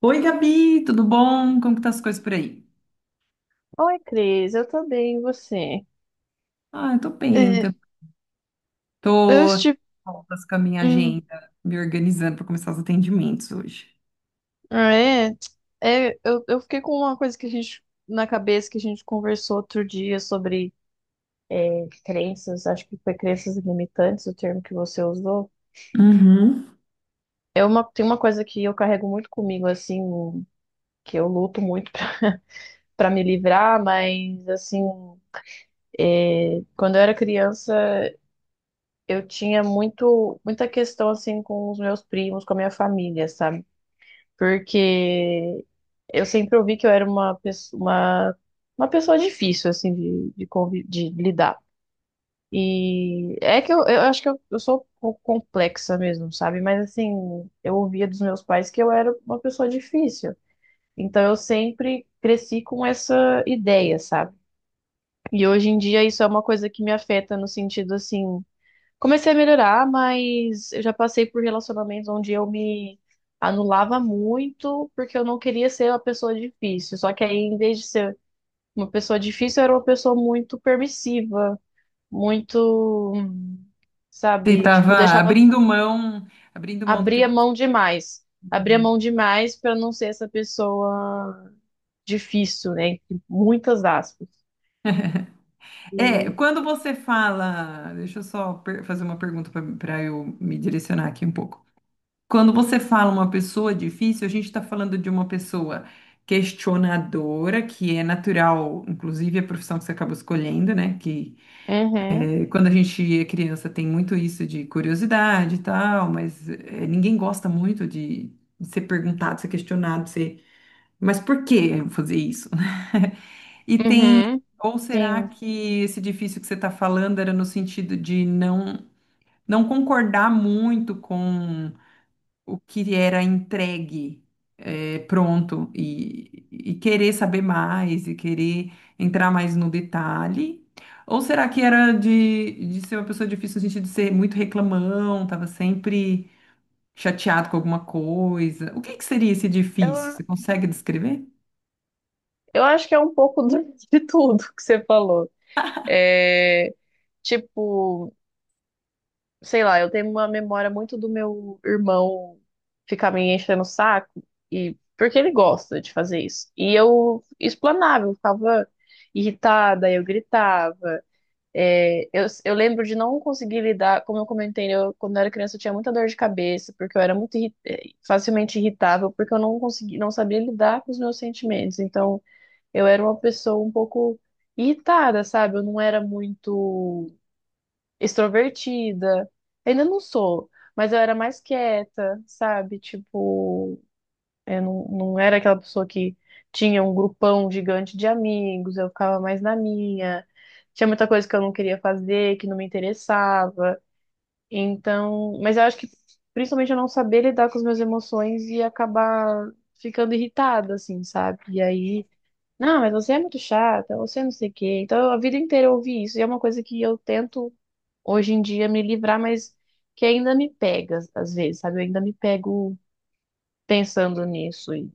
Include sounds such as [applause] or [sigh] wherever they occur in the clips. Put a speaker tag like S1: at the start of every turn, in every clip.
S1: Oi, Gabi, tudo bom? Como que tá as coisas por aí?
S2: Oi, Cris, eu tô bem, e você?
S1: Ah, eu tô bem,
S2: É,
S1: tá-
S2: eu
S1: tô
S2: estive.
S1: voltas com a minha
S2: Hum,
S1: agenda, me organizando para começar os atendimentos hoje.
S2: ah, é, eu fiquei com uma coisa que a gente na cabeça que a gente conversou outro dia sobre crenças, acho que foi crenças limitantes, o termo que você usou.
S1: Uhum.
S2: É uma, tem uma coisa que eu carrego muito comigo, assim, que eu luto muito [laughs] para me livrar, mas assim, quando eu era criança, eu tinha muito, muita questão assim com os meus primos, com a minha família, sabe? Porque eu sempre ouvi que eu era uma pessoa difícil, assim, convi- de lidar. E é que eu acho que eu sou um pouco complexa mesmo, sabe? Mas assim, eu ouvia dos meus pais que eu era uma pessoa difícil. Então eu sempre cresci com essa ideia, sabe? E hoje em dia isso é uma coisa que me afeta no sentido assim. Comecei a melhorar, mas eu já passei por relacionamentos onde eu me anulava muito porque eu não queria ser uma pessoa difícil. Só que aí, em vez de ser uma pessoa difícil, eu era uma pessoa muito permissiva, muito,
S1: Você
S2: sabe,
S1: tava
S2: tipo, deixava,
S1: abrindo mão, abrindo mão do que
S2: abria
S1: você...
S2: mão demais. Abria mão demais para não ser essa pessoa difícil, né? Entre muitas aspas.
S1: É,
S2: E...
S1: quando você fala, deixa eu só per- fazer uma pergunta para eu me direcionar aqui um pouco. Quando você fala uma pessoa difícil, a gente está falando de uma pessoa questionadora, que é natural, inclusive a profissão que você acaba escolhendo, né? Que
S2: Uhum,
S1: Quando a gente é criança, tem muito isso de curiosidade e tal, mas ninguém gosta muito de ser perguntado, ser questionado, ser, mas por que eu fazer isso? [laughs] E tem,
S2: uhum,
S1: ou será
S2: sim.
S1: que esse difícil que você está falando era no sentido de não, não concordar muito com o que era entregue, é, pronto, e querer saber mais e querer entrar mais no detalhe? Ou será que era de ser uma pessoa difícil no sentido de ser muito reclamão, estava sempre chateado com alguma coisa? O que que seria esse difícil?
S2: Eu,
S1: Você consegue descrever?
S2: eu acho que é um pouco [laughs] do- de tudo que você falou. É, tipo, sei lá, eu tenho uma memória muito do meu irmão ficar me enchendo o saco, e, porque ele gosta de fazer isso. E eu explanava, eu ficava irritada, eu gritava. Eu lembro de não conseguir lidar, como eu comentei, eu, quando eu era criança eu tinha muita dor de cabeça, porque eu era muito irri- facilmente irritável, porque eu não consegui, não sabia lidar com os meus sentimentos. Então, eu era uma pessoa um pouco irritada, sabe? Eu não era muito extrovertida. Ainda não sou, mas eu era mais quieta, sabe? Tipo, eu não, não era aquela pessoa que tinha um grupão gigante de amigos, eu ficava mais na minha. Tinha muita coisa que eu não queria fazer, que não me interessava. Então, mas eu acho que principalmente eu não saber lidar com as minhas emoções e acabar ficando irritada, assim, sabe? E aí, não, mas você é muito chata, você é não sei o quê. Então, a vida inteira eu ouvi isso, e é uma coisa que eu tento hoje em dia me livrar, mas que ainda me pega às vezes, sabe? Eu ainda me pego pensando nisso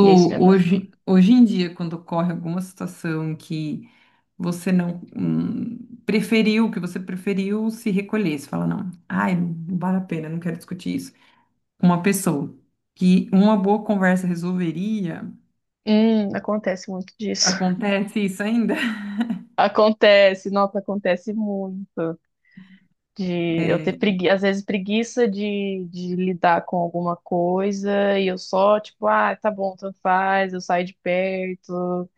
S2: e é isso me atrapalha.
S1: hoje, hoje em dia, quando ocorre alguma situação que você não preferiu, que você preferiu se recolher, você fala, não, ai, não vale a pena, não quero discutir isso. Uma pessoa que uma boa conversa resolveria.
S2: Acontece muito disso.
S1: Acontece isso ainda? [laughs]
S2: [laughs] Acontece, nossa, acontece muito. De eu
S1: É.
S2: ter pregui... às vezes preguiça de lidar com alguma coisa e eu só, tipo, ah, tá bom, tanto faz, eu saio de perto,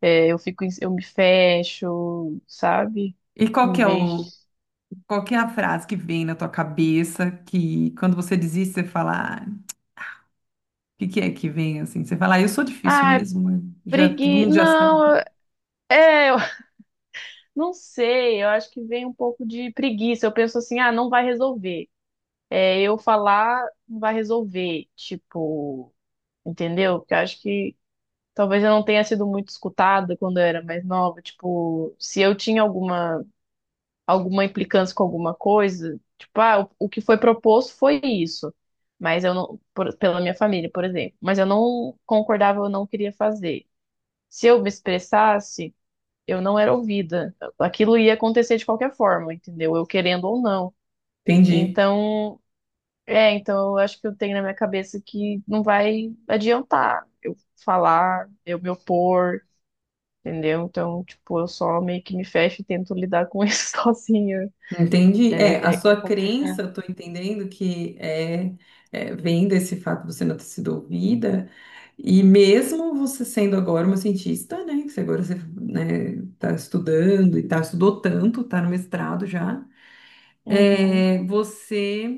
S2: é, eu fico, em- eu me fecho, sabe?
S1: E qual que
S2: Em
S1: é
S2: vez
S1: o,
S2: de,
S1: qual que é a frase que vem na tua cabeça, que quando você diz isso, você fala, ah, o que que é que vem assim? Você fala, ah, eu sou difícil
S2: ah,
S1: mesmo, né? Já todo
S2: pregui
S1: mundo já
S2: Não,
S1: sabe.
S2: é, Não sei, eu acho que vem um pouco de preguiça. Eu penso assim, ah, não vai resolver. É, eu falar não vai resolver, tipo, entendeu? Porque eu acho que talvez eu não tenha sido muito escutada quando eu era mais nova. Tipo, se eu tinha alguma implicância com alguma coisa, tipo, ah, o que foi proposto foi isso. Mas eu não, por- pela minha família, por exemplo. Mas eu não concordava, eu não queria fazer. Se eu me expressasse eu não era ouvida. Aquilo ia acontecer de qualquer forma, entendeu? Eu querendo ou não.
S1: Entendi.
S2: Então, então eu acho que eu tenho na minha cabeça que não vai adiantar eu falar, eu me opor, entendeu? Então, tipo, eu só meio que me fecho e tento lidar com isso [laughs] sozinha.
S1: Entendi.
S2: É,
S1: É, a
S2: é, é
S1: sua
S2: complicado.
S1: crença, eu tô entendendo que é, é, vem desse fato de você não ter sido ouvida, e mesmo você sendo agora uma cientista, né, que você agora você, né, tá estudando e tá, estudou tanto, tá no mestrado já,
S2: Uhum,
S1: é, você,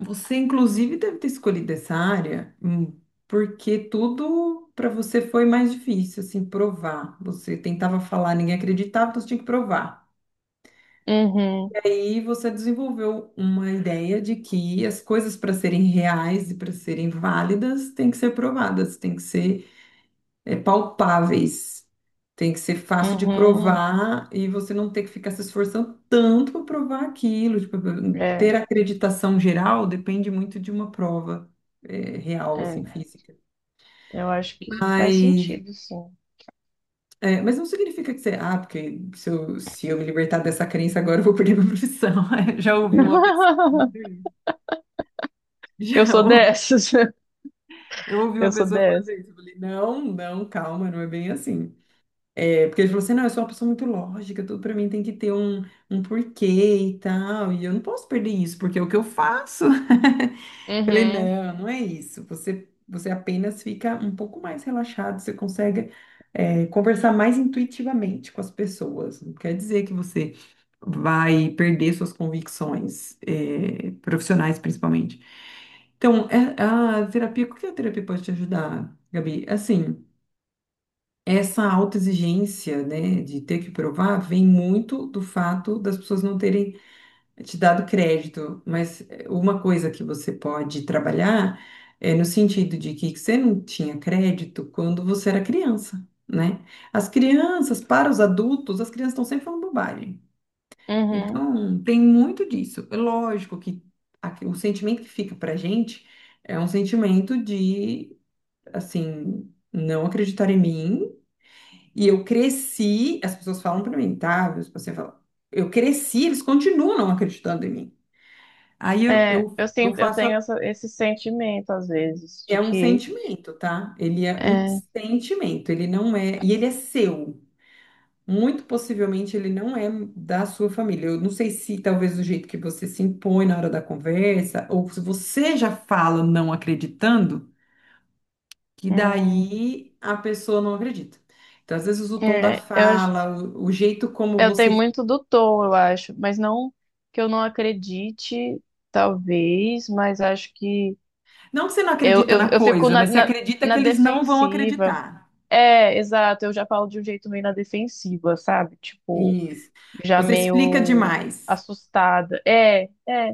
S1: você inclusive deve ter escolhido essa área, porque tudo para você foi mais difícil, assim, provar. Você tentava falar, ninguém acreditava, então você tinha que provar.
S2: uhum,
S1: Aí você desenvolveu uma ideia de que as coisas para serem reais e para serem válidas têm que ser provadas, têm que ser, é, palpáveis, tem que ser fácil de
S2: uhum.
S1: provar e você não ter que ficar se esforçando tanto para provar aquilo. Tipo,
S2: É,
S1: ter acreditação geral depende muito de uma prova, é, real, assim,
S2: é.
S1: física.
S2: Eu acho que faz
S1: Mas,
S2: sentido, sim.
S1: é, mas não significa que você, ah, porque se eu, se eu me libertar dessa crença agora eu vou perder minha profissão. [laughs] Já ouvi uma pessoa.
S2: [laughs]
S1: [laughs]
S2: Eu
S1: Já,
S2: sou dessas. [laughs]
S1: eu ouvi uma
S2: Eu sou
S1: pessoa falando
S2: dessas.
S1: isso, eu falei, não, não, calma, não é bem assim. É, porque ele falou assim, não, eu sou uma pessoa muito lógica, tudo pra mim tem que ter um, um porquê e tal, e eu não posso perder isso, porque é o que eu faço. [laughs] Eu falei,
S2: Uhum,
S1: não, não é isso, você, você apenas fica um pouco mais relaxado, você consegue, é, conversar mais intuitivamente com as pessoas, não quer dizer que você vai perder suas convicções, profissionais principalmente. Então, a terapia, o que a terapia pode te ajudar, Gabi? Assim, essa autoexigência, né, de ter que provar, vem muito do fato das pessoas não terem te dado crédito. Mas uma coisa que você pode trabalhar é no sentido de que você não tinha crédito quando você era criança, né? As crianças, para os adultos, as crianças estão sempre falando bobagem.
S2: uhum.
S1: Então, tem muito disso. É lógico que o sentimento que fica pra gente é um sentimento de, assim, não acreditar em mim. E eu cresci, as pessoas falam pra mim, tá? Você fala, eu cresci, eles continuam não acreditando em mim. Aí eu,
S2: É,
S1: eu,
S2: eu
S1: eu
S2: sinto, eu
S1: faço,
S2: tenho
S1: a-
S2: essa- esse sentimento às vezes de
S1: é um
S2: que
S1: sentimento, tá? Ele é um
S2: é,
S1: sentimento, ele não é, e ele é seu. Muito possivelmente ele não é da sua família. Eu não sei se talvez o jeito que você se impõe na hora da conversa, ou se você já fala não acreditando, que
S2: hum,
S1: daí a pessoa não acredita. Então, às vezes, o tom da
S2: é, eu, acho-
S1: fala, o jeito como
S2: eu tenho
S1: você.
S2: muito do tom, eu acho, mas não que eu não acredite, talvez, mas acho que
S1: Não que você não
S2: eu,
S1: acredita
S2: eu,
S1: na
S2: eu fico
S1: coisa, mas você acredita que
S2: na
S1: eles não vão
S2: defensiva.
S1: acreditar.
S2: É, exato, eu já falo de um jeito meio na defensiva, sabe? Tipo,
S1: Isso.
S2: já
S1: Você explica
S2: meio
S1: demais.
S2: assustada. É, é.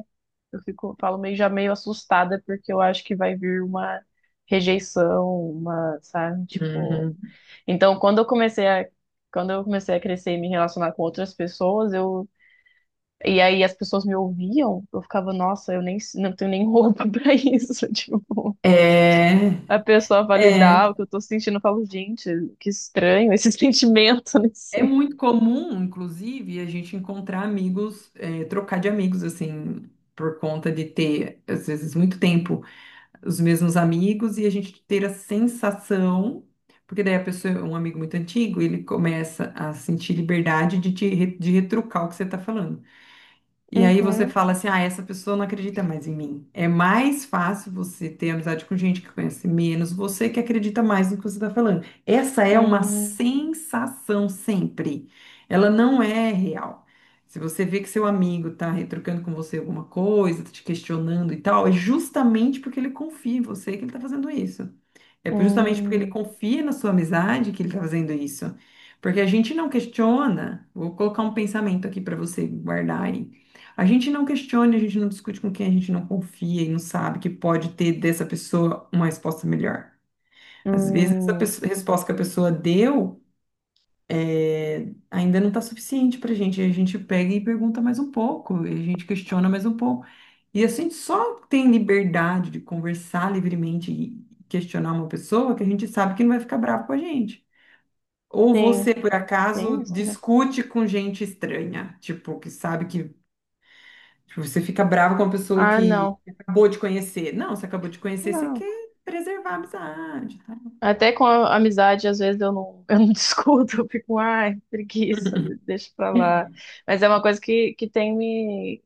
S2: Eu fico, falo meio já meio assustada porque eu acho que vai vir uma rejeição, uma, sabe, tipo.
S1: Uhum.
S2: Então, quando eu comecei a crescer e me relacionar com outras pessoas, eu e aí as pessoas me ouviam, eu ficava, nossa, eu nem não tenho nem roupa [laughs] pra isso, tipo.
S1: É,
S2: A pessoa validar
S1: é.
S2: o que eu tô sentindo, eu falo, gente, que estranho esse [laughs] sentimento, não
S1: É
S2: sei.
S1: muito comum, inclusive, a gente encontrar amigos, trocar de amigos, assim, por conta de ter, às vezes, muito tempo os mesmos amigos e a gente ter a sensação, porque daí a pessoa, um amigo muito antigo, ele começa a sentir liberdade de, te, de retrucar o que você está falando. E aí você fala
S2: [laughs]
S1: assim, ah, essa pessoa não acredita mais em mim. É mais fácil você ter amizade com gente que conhece menos, você que acredita mais no que você está falando. Essa é uma
S2: Uhum.
S1: sensação sempre. Ela não é real. Se você vê que seu amigo está retrucando com você alguma coisa, tá te questionando e tal, é justamente porque ele confia em você que ele está fazendo isso. É justamente porque ele
S2: Hum,
S1: confia na sua amizade que ele está fazendo isso. Porque a gente não questiona, vou colocar um pensamento aqui para você guardar aí. A gente não questiona, a gente não discute com quem a gente não confia e não sabe que pode ter dessa pessoa uma resposta melhor. Às vezes, essa
S2: hum.
S1: resposta que a pessoa deu é, ainda não está suficiente para a gente. A gente pega e pergunta mais um pouco, e a gente questiona mais um pouco. E a gente só tem liberdade de conversar livremente e questionar uma pessoa que a gente sabe que não vai ficar bravo com a gente. Ou você,
S2: Sim,
S1: por
S2: tem
S1: acaso,
S2: isso, né?
S1: discute com gente estranha? Tipo, que sabe que tipo, você fica bravo com uma pessoa
S2: Ah,
S1: que
S2: não.
S1: acabou de conhecer? Não, você acabou de conhecer, você quer
S2: Não.
S1: preservar a amizade, tá?
S2: Até com a amizade, às vezes eu não [laughs] discuto, eu fico, ai, preguiça, deixa pra lá. Mas é uma coisa que tem me,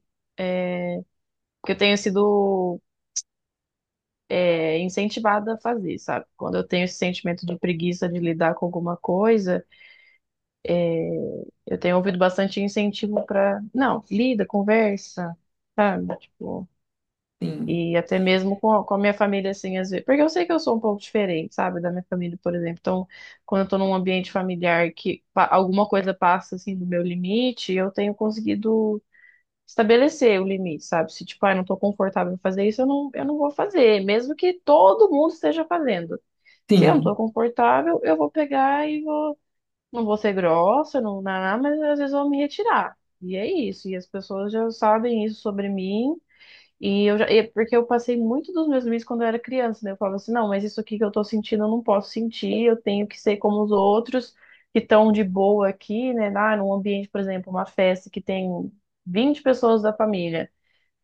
S2: que eu tenho sido incentivada a fazer, sabe? Quando eu tenho esse sentimento de preguiça de lidar com alguma coisa, eu tenho ouvido bastante incentivo pra, não, lida, conversa, sabe? Tipo,
S1: Sim,
S2: E até mesmo com a minha família, assim, às vezes. Porque eu sei que eu sou um pouco diferente, sabe, da minha família, por exemplo. Então, quando eu tô num ambiente familiar que pa- alguma coisa passa, assim, do meu limite, eu tenho conseguido estabelecer o limite, sabe? Se, tipo, ah, eu não tô confortável em fazer isso, eu não vou fazer, mesmo que todo mundo esteja fazendo. Se eu não tô
S1: sim.
S2: confortável, eu vou pegar e vou. Não vou ser grossa, não, mas às vezes eu vou me retirar. E é isso. E as pessoas já sabem isso sobre mim. E eu já, e é porque eu passei muito dos meus limites quando eu era criança, né? Eu falava assim, não, mas isso aqui que eu tô sentindo eu não posso sentir, eu tenho que ser como os outros que estão de boa aqui, né? Ah, num ambiente, por exemplo, uma festa que tem 20 pessoas da família.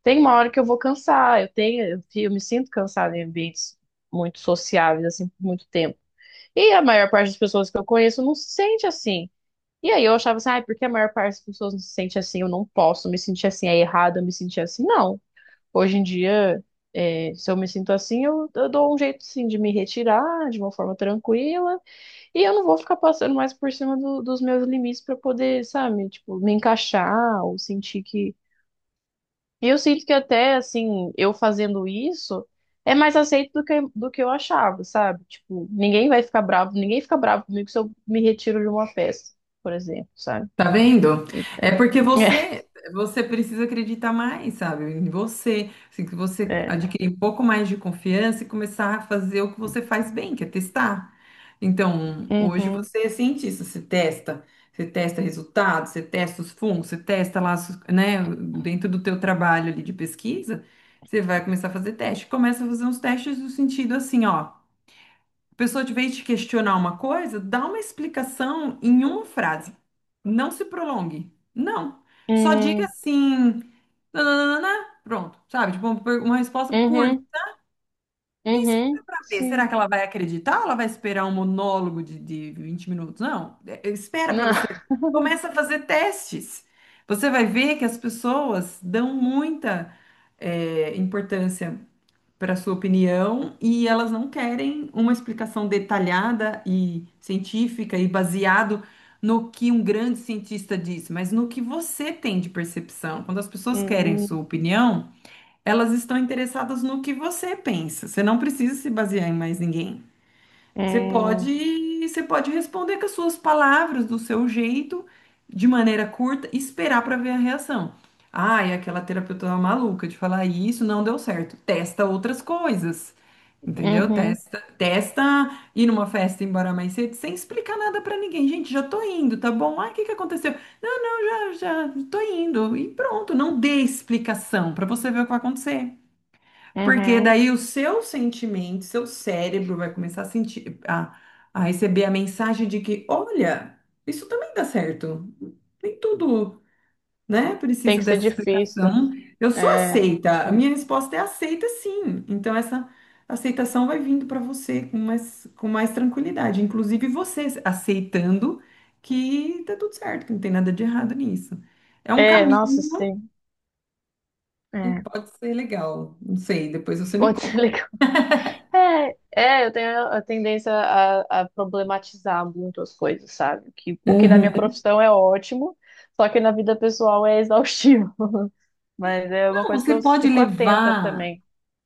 S2: Tem uma hora que eu vou cansar, eu me sinto cansada em ambientes muito sociáveis, assim, por muito tempo. E a maior parte das pessoas que eu conheço não se sente assim. E aí eu achava assim, ah, porque a maior parte das pessoas não se sente assim, eu não posso me sentir assim, é errado eu me sentir assim. Não. Hoje em dia, é, se eu me sinto assim, eu dou um jeito sim de me retirar de uma forma tranquila e eu não vou ficar passando mais por cima do- dos meus limites para poder, sabe, tipo, me encaixar ou sentir que. E eu sinto que até assim, eu fazendo isso é mais aceito do que eu achava, sabe? Tipo, ninguém vai ficar bravo, ninguém fica bravo comigo se eu me retiro de uma festa, por exemplo, sabe?
S1: Tá vendo?
S2: Então,
S1: É porque
S2: [laughs]
S1: você, você precisa acreditar mais, sabe? Em você. Assim, que
S2: é,
S1: você
S2: é.
S1: adquirir um pouco mais de confiança e começar a fazer o que você faz bem, que é testar. Então, hoje
S2: Uhum,
S1: você é cientista, você testa resultados, você testa os fungos, você testa lá, né, dentro do teu trabalho ali de pesquisa, você vai começar a fazer teste. Começa a fazer uns testes no sentido assim, ó. A pessoa, de vez de questionar uma coisa, dá uma explicação em uma frase. Não se prolongue. Não. Só diga
S2: hum,
S1: assim, nananana, pronto, sabe? Tipo, uma uma resposta curta.
S2: uhum,
S1: E espera
S2: uhum,
S1: pra ver. Será
S2: sim.
S1: que ela vai acreditar ou ela vai esperar um monólogo de 20 minutos? Não. Espera pra
S2: Não.
S1: você. Começa a fazer testes. Você vai ver que as pessoas dão muita, importância para sua opinião e elas não querem uma explicação detalhada e científica e baseado no que um grande cientista disse, mas no que você tem de percepção. Quando as pessoas querem sua
S2: Hum,
S1: opinião, elas estão interessadas no que você pensa. Você não precisa se basear em mais ninguém.
S2: hum,
S1: Você pode responder com as suas palavras, do seu jeito, de maneira curta, e esperar para ver a reação. Ai, aquela terapeuta maluca de falar isso não deu certo. Testa outras coisas. Entendeu?
S2: uhum,
S1: Testa, testa ir numa festa embora mais cedo sem explicar nada pra ninguém. Gente, já tô indo, tá bom? Ah, o que que aconteceu? Não, não, já, já tô indo. E pronto, não dê explicação pra você ver o que vai acontecer. Porque
S2: uhum.
S1: daí o seu sentimento, seu cérebro vai começar a sentir, a receber a mensagem de que, olha, isso também dá certo. Nem tudo, né?
S2: Tem
S1: Precisa
S2: que ser
S1: dessa
S2: difícil.
S1: explicação. Eu sou
S2: É,
S1: aceita. A minha resposta é aceita, sim. Então, essa aceitação vai vindo para você com mais tranquilidade. Inclusive, você aceitando que tá tudo certo, que não tem nada de errado nisso. É um
S2: é, nossa,
S1: caminho
S2: sim.
S1: e
S2: É,
S1: pode ser legal. Não sei, depois você me
S2: pode ser [laughs]
S1: conta.
S2: legal. É, é, eu tenho a tendência a problematizar muito as coisas, sabe? Que, o que na
S1: Uhum.
S2: minha profissão é ótimo, só que na vida pessoal é exaustivo. [laughs] Mas é uma
S1: Não,
S2: coisa que
S1: você
S2: eu
S1: pode
S2: fico atenta
S1: levar.
S2: também.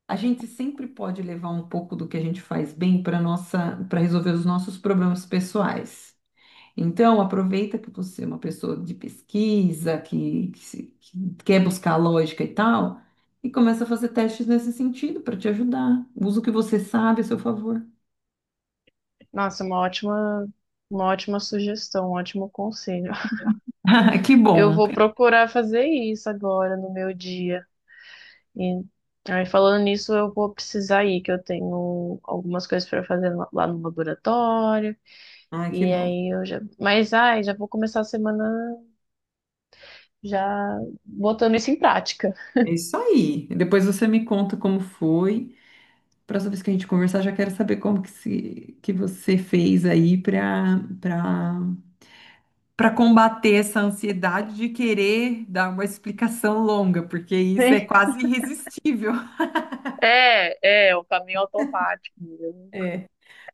S1: A gente sempre pode levar um pouco do que a gente faz bem para nossa, para resolver os nossos problemas pessoais. Então, aproveita que você é uma pessoa de pesquisa, que, que quer buscar lógica e tal, e começa a fazer testes nesse sentido para te ajudar. Usa o que você sabe a seu favor. [laughs]
S2: Nossa, uma ótima sugestão, um ótimo conselho. [laughs]
S1: Ah, que
S2: Eu
S1: bom.
S2: vou procurar fazer isso agora no meu dia. E aí, falando nisso, eu vou precisar ir, que eu tenho algumas coisas para fazer lá lá no laboratório.
S1: Ah, que
S2: E
S1: bom.
S2: aí eu já. Mas ai, já vou começar a semana já botando isso em prática,
S1: É isso aí. Depois você me conta como foi. Próxima vez que a gente conversar, já quero saber como que, se, que você fez aí para para para combater essa ansiedade de querer dar uma explicação longa, porque isso
S2: né?
S1: é quase irresistível.
S2: É, é, o caminho automático mesmo.
S1: É.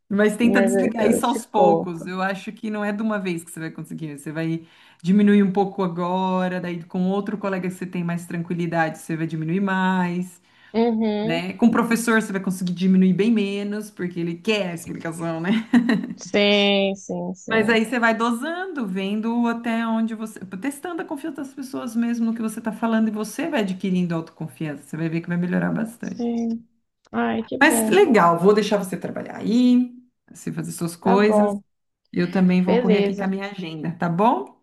S1: Mas tenta
S2: Mas
S1: desligar
S2: eu
S1: isso
S2: te
S1: aos poucos.
S2: conto.
S1: Eu acho que não é de uma vez que você vai conseguir. Você vai diminuir um pouco agora, daí com outro colega que você tem mais tranquilidade, você vai diminuir mais,
S2: Uhum.
S1: né? Com o professor você vai conseguir diminuir bem menos, porque ele quer a explicação, né?
S2: Sim, sim,
S1: Mas
S2: sim.
S1: aí você vai dosando, vendo até onde você, testando a confiança das pessoas mesmo no que você está falando e você vai adquirindo autoconfiança. Você vai ver que vai melhorar bastante.
S2: Sim. Ai, que
S1: Mas
S2: bom.
S1: legal, vou deixar você trabalhar aí, você fazer suas
S2: Tá
S1: coisas.
S2: bom.
S1: Eu também vou correr aqui com a
S2: Beleza.
S1: minha agenda, tá bom?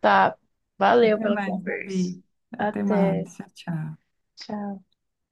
S2: Tá. Valeu
S1: Até
S2: pela
S1: mais,
S2: conversa.
S1: Gabi. Até
S2: Até.
S1: mais. Tchau, tchau.
S2: Tchau.